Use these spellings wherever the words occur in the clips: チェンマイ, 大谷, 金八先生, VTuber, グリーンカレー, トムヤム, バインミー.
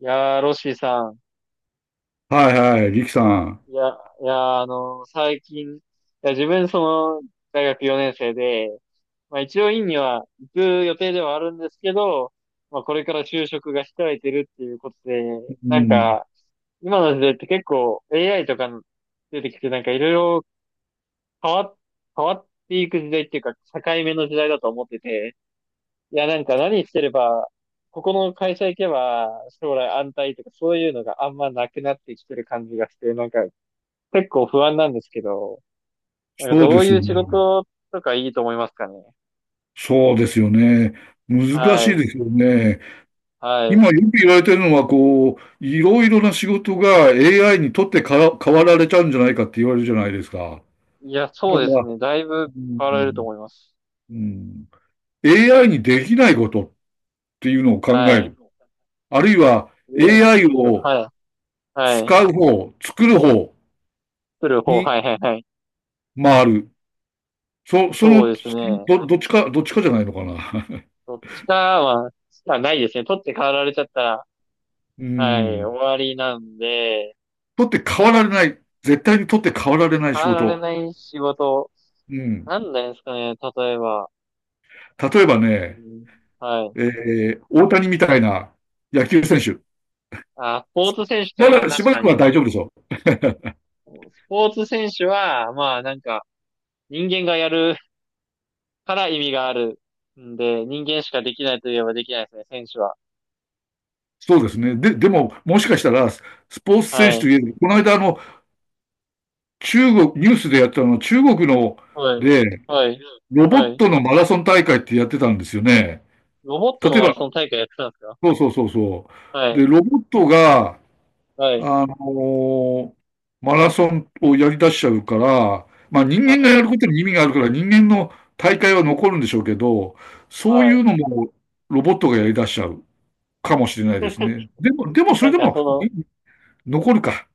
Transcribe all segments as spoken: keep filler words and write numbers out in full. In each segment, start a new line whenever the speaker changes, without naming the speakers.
いやー、ロッシーさん。
はいはい、力さん。
いや、いやー、あのー最近、いや、自分、その、大学よねん生で、まあ一応院には行く予定ではあるんですけど、まあこれから就職が控えてるっていうことで、
う
なん
ん。
か、今の時代って結構 エーアイ とか出てきて、なんかいろいろ変わっ、変わっていく時代っていうか、境目の時代だと思ってて、いや、なんか何してれば、ここの会社行けば将来安泰とかそういうのがあんまなくなってきてる感じがして、なんか結構不安なんですけど、なんか
そう
ど
で
う
す
い
よ
う仕
ね。
事とかいいと思いますかね。
そうですよね。難し
は
い
い。
ですよね。
は
今
い。
よく言われてるのは、こう、いろいろな仕事が エーアイ にとってから変わられちゃうんじゃないかって言われるじゃないですか。
いや、そ
だ
う
か
です
ら、
ね。だいぶ
う
変わられると
ん、
思います。
うん、エーアイ にできないことっていうのを考
は
え
い。
る。あるいは
お
エーアイ
ー。
を
はい。はい。
使う方、作る方
取る方、
に
はいはいはい。
回る。そ、そ
そう
の、
ですね。
そのど、どっちか、どっちかじゃないのかな。
どっちかは、まあ、ないですね。取って変わられちゃったら、
う
はい、
ん。
終わりなんで、
取って変わられない。絶対に取って変わられない
変
仕
わられ
事。
ない仕事、
うん。
なんなんですかね、例えば。
例えば
う
ね、
ん、はい。
えー、大谷みたいな野球選手。
あ、スポーツ選手と
ま
か、
だし
確
ばら
か
くは
に。
大丈夫でしょう。
スポーツ選手は、まあなんか、人間がやるから意味があるんで、人間しかできないといえばできないですね、選手は。
そうですね。で、でも、もしかしたら、スポーツ
は
選手と
い。
いえば、この間、あの、中国、ニュースでやったの、中国の、
はい。
で、
はい。
ロボ
は
ッ
い。
トのマラソン大会ってやってたんですよね。
ロボットの
例え
マラソ
ば、
ン大会やってたんですか？
そうそうそうそ
は
う。で、
い。
ロボットが、
はい。
あのマラソンをやり出しちゃうから、まあ人
は
間が
い。
やることに意味があるから人間の大会は残るんでしょうけど、そう
は
いう
い。
のもロボットがやり出しちゃうかもしれないですね。でも、でもそ
な
れ
ん
で
か
も
その、
い残るか。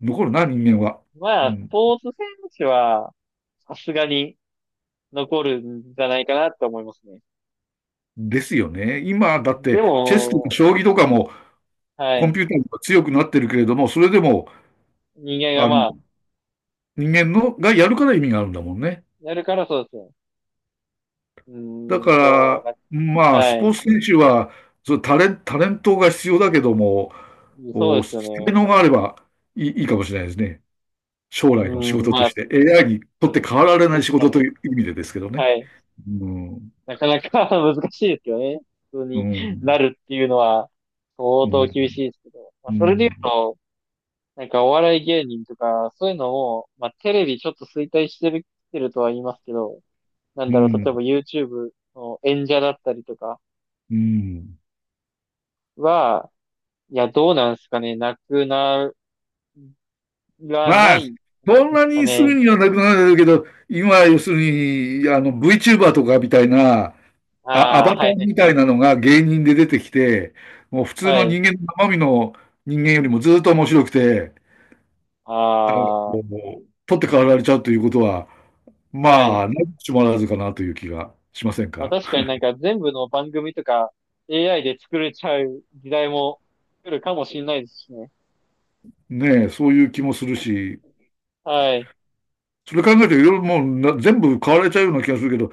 残るな、人間は。う
まあ、ス
ん。
ポーツ選手は、さすがに残るんじゃないかなって思いますね。
ですよね。今だっ
で
てチェスとか
も、
将棋とかも
は
コン
い。
ピューターが強くなってるけれども、それでも
人間が
あの
まあ、
人間のがやるから意味があるんだもんね。
やるから、そうですね。うー
だか
ん、でも、
ら、
な、
まあ、ス
は
ポー
い。
ツ選手は、そうタレン、タレントが必要だけども、
そう
お
です
才
よね。
能があればいい、いいかもしれないですね。将
う
来の仕
ーん、
事と
まあ、
して、エーアイ にとって変わられない
確
仕
か
事とい
に。
う意味でですけどね。
はい。
うん、
なかなか 難しいですよね。普通
う
にな
ん、
るっていうのは相
う
当
ん、
厳しいですけど。まあ、
う
それで言う
ん、
と、なんかお笑い芸人とか、そういうのも、まあテレビちょっと衰退してる、来てるとは言いますけど、なん
う
だろう、例え
ん。
ば YouTube の演者だったりとか
うん
は、いや、どうなんですかね。なくならな
まあ、
いん
そん
です
な
か
にすぐ
ね。
にはなくなるけど、今、要するに、あの、VTuber とかみたいな、あ、ア
あ
バ
あ、
タ
は
ー
いはい
み
は
た
い。
いなのが芸人で出てきて、もう普通
は
の
い。
人間の生身の人間よりもずっと面白くて、あの、
あ
もう取って代わられちゃうということは、
あ、は
ま
い。
あ、なきしもあらずかなという気がしません
まあ
か？
確かになんか全部の番組とか エーアイ で作れちゃう時代も来るかもしれないですしね。
ねえ、そういう気もするし、
はい。
それ考えるといろいろもうな全部買われちゃうような気がするけど、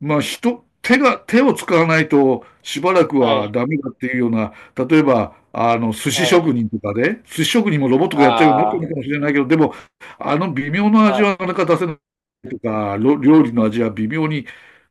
まあ、人、手が、手を使わないとしばらく
は
は
い。
ダメだっていうような、例えば、あの、寿
は
司職
い。
人とかで、寿司職人もロボットがやっちゃうようになって
ああ、
るかもしれないけど、でも、あの微妙
ま
な味は
あ、
なかなか出せないとか、ろ料理の味は微妙に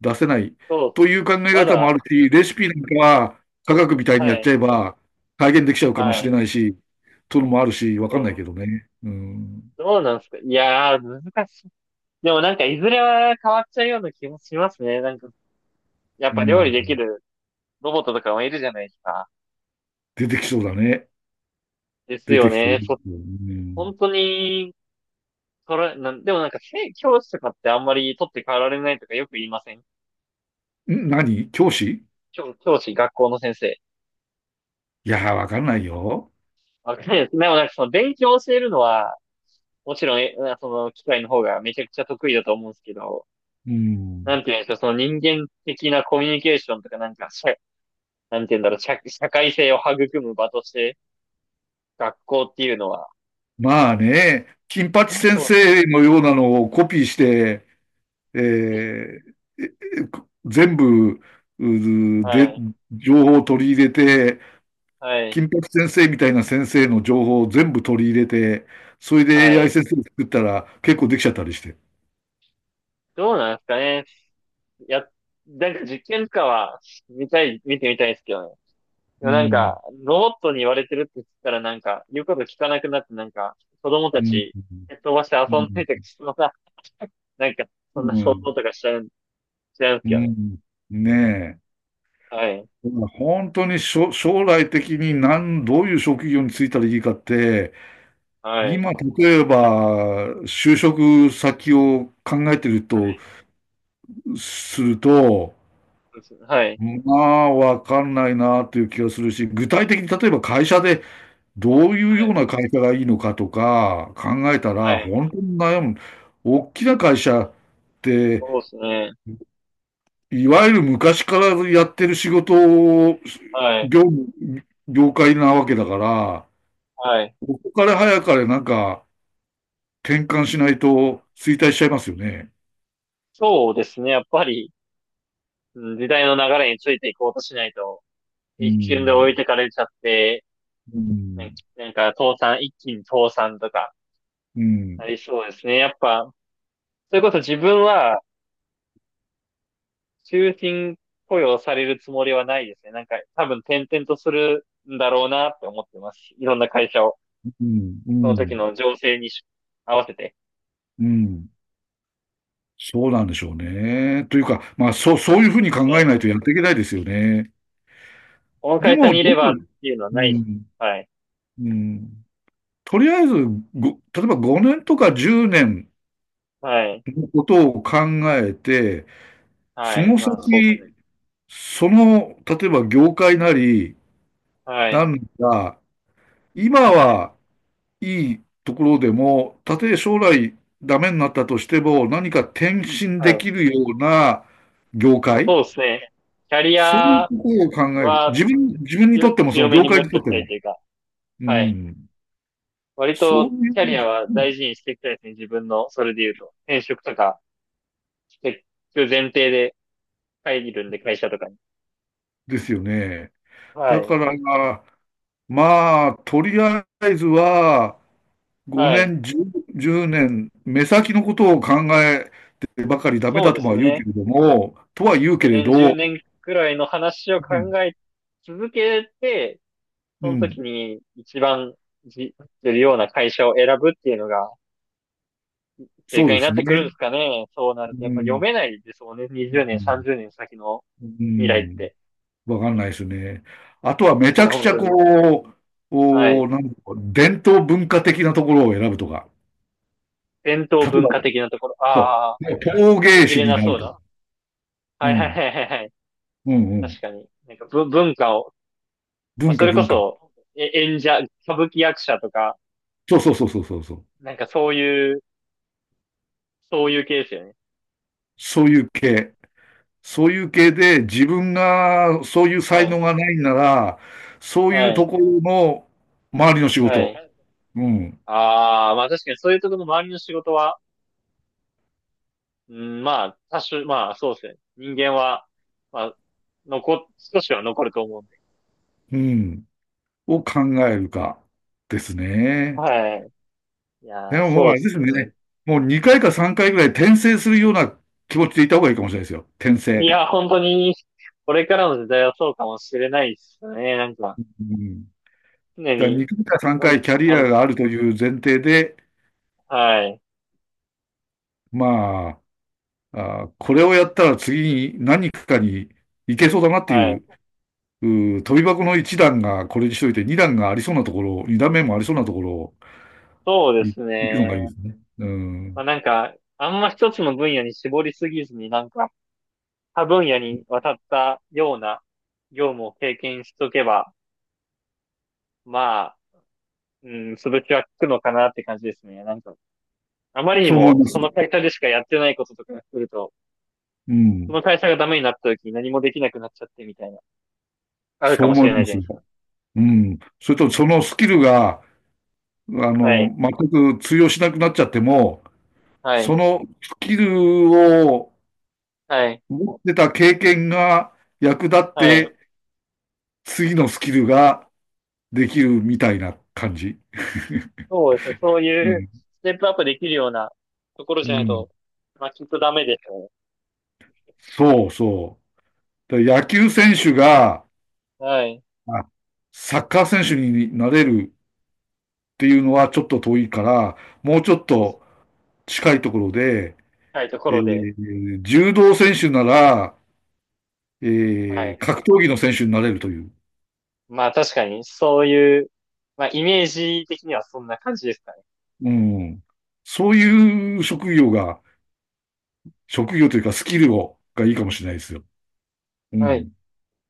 出せない
そう
と
っ
いう考え
す。ま
方もあ
だ、
るし、レシピなんかは科
そうそ
学
う。
みたいにや
は
っち
い。
ゃえば再現できちゃうかもし
は
れ
い。
ないし、というのもあるし、わ
そ
かんないけ
う。
どね。うん。
どうなんですか。いやー、難しい。でもなんかいずれは変わっちゃうような気もしますね。なんか、やっ
う
ぱ料理
ん。
できるロボットとかもいるじゃないですか。
出てきそうだね。
です
出
よ
てきそう。
ね。そ、
よね。
本当に、それ、なん、でもなんか、せ教師とかってあんまり取って代わられないとかよく言いません？
ん何教師、
教教師、学校の先生。
いやー、わかんないよ。
わかんないです。でもなんかその勉強を教えるのは、もちろん、え、その機械の方がめちゃくちゃ得意だと思うんですけど、
う
なん
ん。
て言うんでしょう、その人間的なコミュニケーションとかなんか、社、なんて言うんだろう、社、社会性を育む場として、学校っていうのは、
まあね、金八先
教師、
生のようなのをコピーして、えーええこ全部、う
は
で、
い、
情報を取り入れて、
はい、
金八先生みたいな先生の情報を全部取り入れて、それで
は
エーアイ
い。
先生を作ったら結構できちゃったりして。
どうなんですかね。や、なんか実験とかは、見たい、見てみたいですけどね。で
う
もなん
ん、
か、ロボットに言われてるって言ったらなんか、言うこと聞かなくなってなんか、子供
う
た
ん、
ち、
う
蹴っ飛ばして遊んでたり
ん、
すのなんか、そんな
う
想
ん、
像とかしちゃう、しちゃうんです
う
けどね。
んねえ。
はい。
本当にしょ将来的に何どういう職業に就いたらいいかって、
はい。はい。
今、例えば、就職先を考えてると、すると、
そうですね。はい。
まあ、わかんないなという気がするし、具体的に例えば会社でどうい
は
うよう
い。
な会社がいいのかとか考えた
は
ら、
い。
本当に悩む。大きな会社って、
そうですね。
いわゆる昔からやってる仕事を、
はい。
業務、業界なわけだから、
はい。
ここから早かれなんか、転換しないと衰退しちゃいますよね。
そうですね。やっぱり、うん、時代の流れについていこうとしないと、
う
一瞬で置い
ん、
てかれちゃって、
う
ね、
ん、
なんか倒産、一気に倒産とか、
うん、
なりそうですね。やっぱ、それこそ自分は、終身雇用されるつもりはないですね。なんか、多分転々とするんだろうなって思ってますし。いろんな会社を、
うん、う
その時
ん、
の情勢に合わせて。
うん。そうなんでしょうね。というか、まあ、そう、そういうふうに考えない
ね、
とやっていけないですよね。
この
で
会社
も、
にい
ど
れ
う
ばっていうのは
う
ないし。
ん、
はい。
うん。とりあえず、ご例えばごねんとかじゅうねん
はい。
のことを考えて、
は
そ
い。
の
まあ、そうですね。
先、その、例えば業界なり、
は
な
い。
んか、今
はい。
はいいところでも、たとえ将来ダメになったとしても、何か転身
は
で
い。
きるような業
まあ、
界、
そうですね。キャリ
そういう
ア
ことを考える。
は
自分、自分にと
よ
っても、そ
強
の
め
業
に持
界
っ
にと
と
っ
き
て
たい
も。
というか、
う
はい。
ん。
割
そう
と
いう、
キャリアは
うん
大事にしていきたいですね。自分の、それで言うと。転職とかしていく前提で入るんで、会社とかに。
ですよね。
は
だ
い。
から、まあ、とりあえずは、
は
5
い。
年、じゅう、年、目先のことを考えてばかりダメ
そう
だ
で
と
す
は言うけ
ね。
れども、とは言うけれ
ごねん、10
ど、
年くらいの話を
う
考
ん、
え続けて、
う
その時
ん、
に一番じ、するような会社を選ぶっていうのが正
そう
解
で
になっ
すね。
てくるんですかね。そうなると、
う
やっぱ読
ん
めないですもんね。にじゅうねん、30
う
年先の
ん、う
未来っ
ん
て。
わかんないですね。あとはめち
い
ゃ
や、
くち
本
ゃ
当
こ
に。
う、
はい。
お、なんだろう伝統文化的なところを選ぶとか、
伝
例
統
え
文
ば、
化的なところ。
そ
ああ、
う、ね陶
途
芸
切
師
れ
に
な
なる
そう
とか、
な。
う
はいはい
ん、
はいはいはい。
うん、うん、
確かに。なんかぶ文化を、まあ、
文
そ
化、
れこ
文化。
そ、え演者、歌舞伎役者とか、
そうそうそうそうそうそう。
なんかそういうそういう系ですよね。
そういう系。そういう系で自分がそういう
は
才能
い。
がないなら、そういう
は
と
い。
ころの周りの仕
はい。
事、うん、
ああ、まあ確かにそういうところの周りの仕事は、うん、まあ、多種、まあそうですね。人間は、まあ、残、少しは残ると思うんで。
うん、を考えるかですね。
はい。い
で
やー、
ももう
そ
あ
うで
れで
す
すよ
ね。
ね。もうにかいかさんかいぐらい転生するような気持ちでいた方がいいかもしれないですよ。転
い
生。
や、本当に、これからの時代はそうかもしれないですね。なんか、
うん。
常
だから
に、
にかいか3
うん
回キャリ
う
ア
ん。
があるという前提で、
はい。
まあ、あー、これをやったら次に何かに行けそうだなって
は
い
い。
う、うー飛び箱のいち段がこれにしといて、に段がありそうなところ、に段目もありそうなところを
そうで
行
す
くのがいいで
ね。
すね。う
まあ
ん。
なんか、あんま一つの分野に絞りすぎずになんか、他分野に渡ったような業務を経験しとけば、まあ、うん、潰しは効くのかなって感じですね。なんか、あまりに
そう思い
も
ます。
その会社でしかやってないこととかすると、
う
そ
ん。
の会社がダメになった時に何もできなくなっちゃってみたいな、ある
そ
か
う
もし
思い
れない
ま
じゃな
す。
いですか。
うん。それとそのスキルが、あ
は
の、
い、
全く通用しなくなっちゃっても、
は
そ
い、
のスキルを
はい、
持ってた経験が役立っ
はい。
て、次のスキルができるみたいな感じ。
そうですね。そう
う
いう
ん。
ステップアップできるようなところ
う
じゃない
ん。
と、まあ、きっとダメでしょ
そうそう。だ野球選手が、
う。はい。
あサッカー選手になれるっていうのはちょっと遠いから、もうちょっ
そう、
と近いところで、
はい、とこ
え
ろで、
ー柔道選手なら、え
は
ー
い。
格闘技の選手になれるという。
まあ確かに、そういう、まあイメージ的にはそんな感じですかね。
うん。そういう職業が、職業というかスキルを、がいいかもしれないですよ。う
は
ん。
い。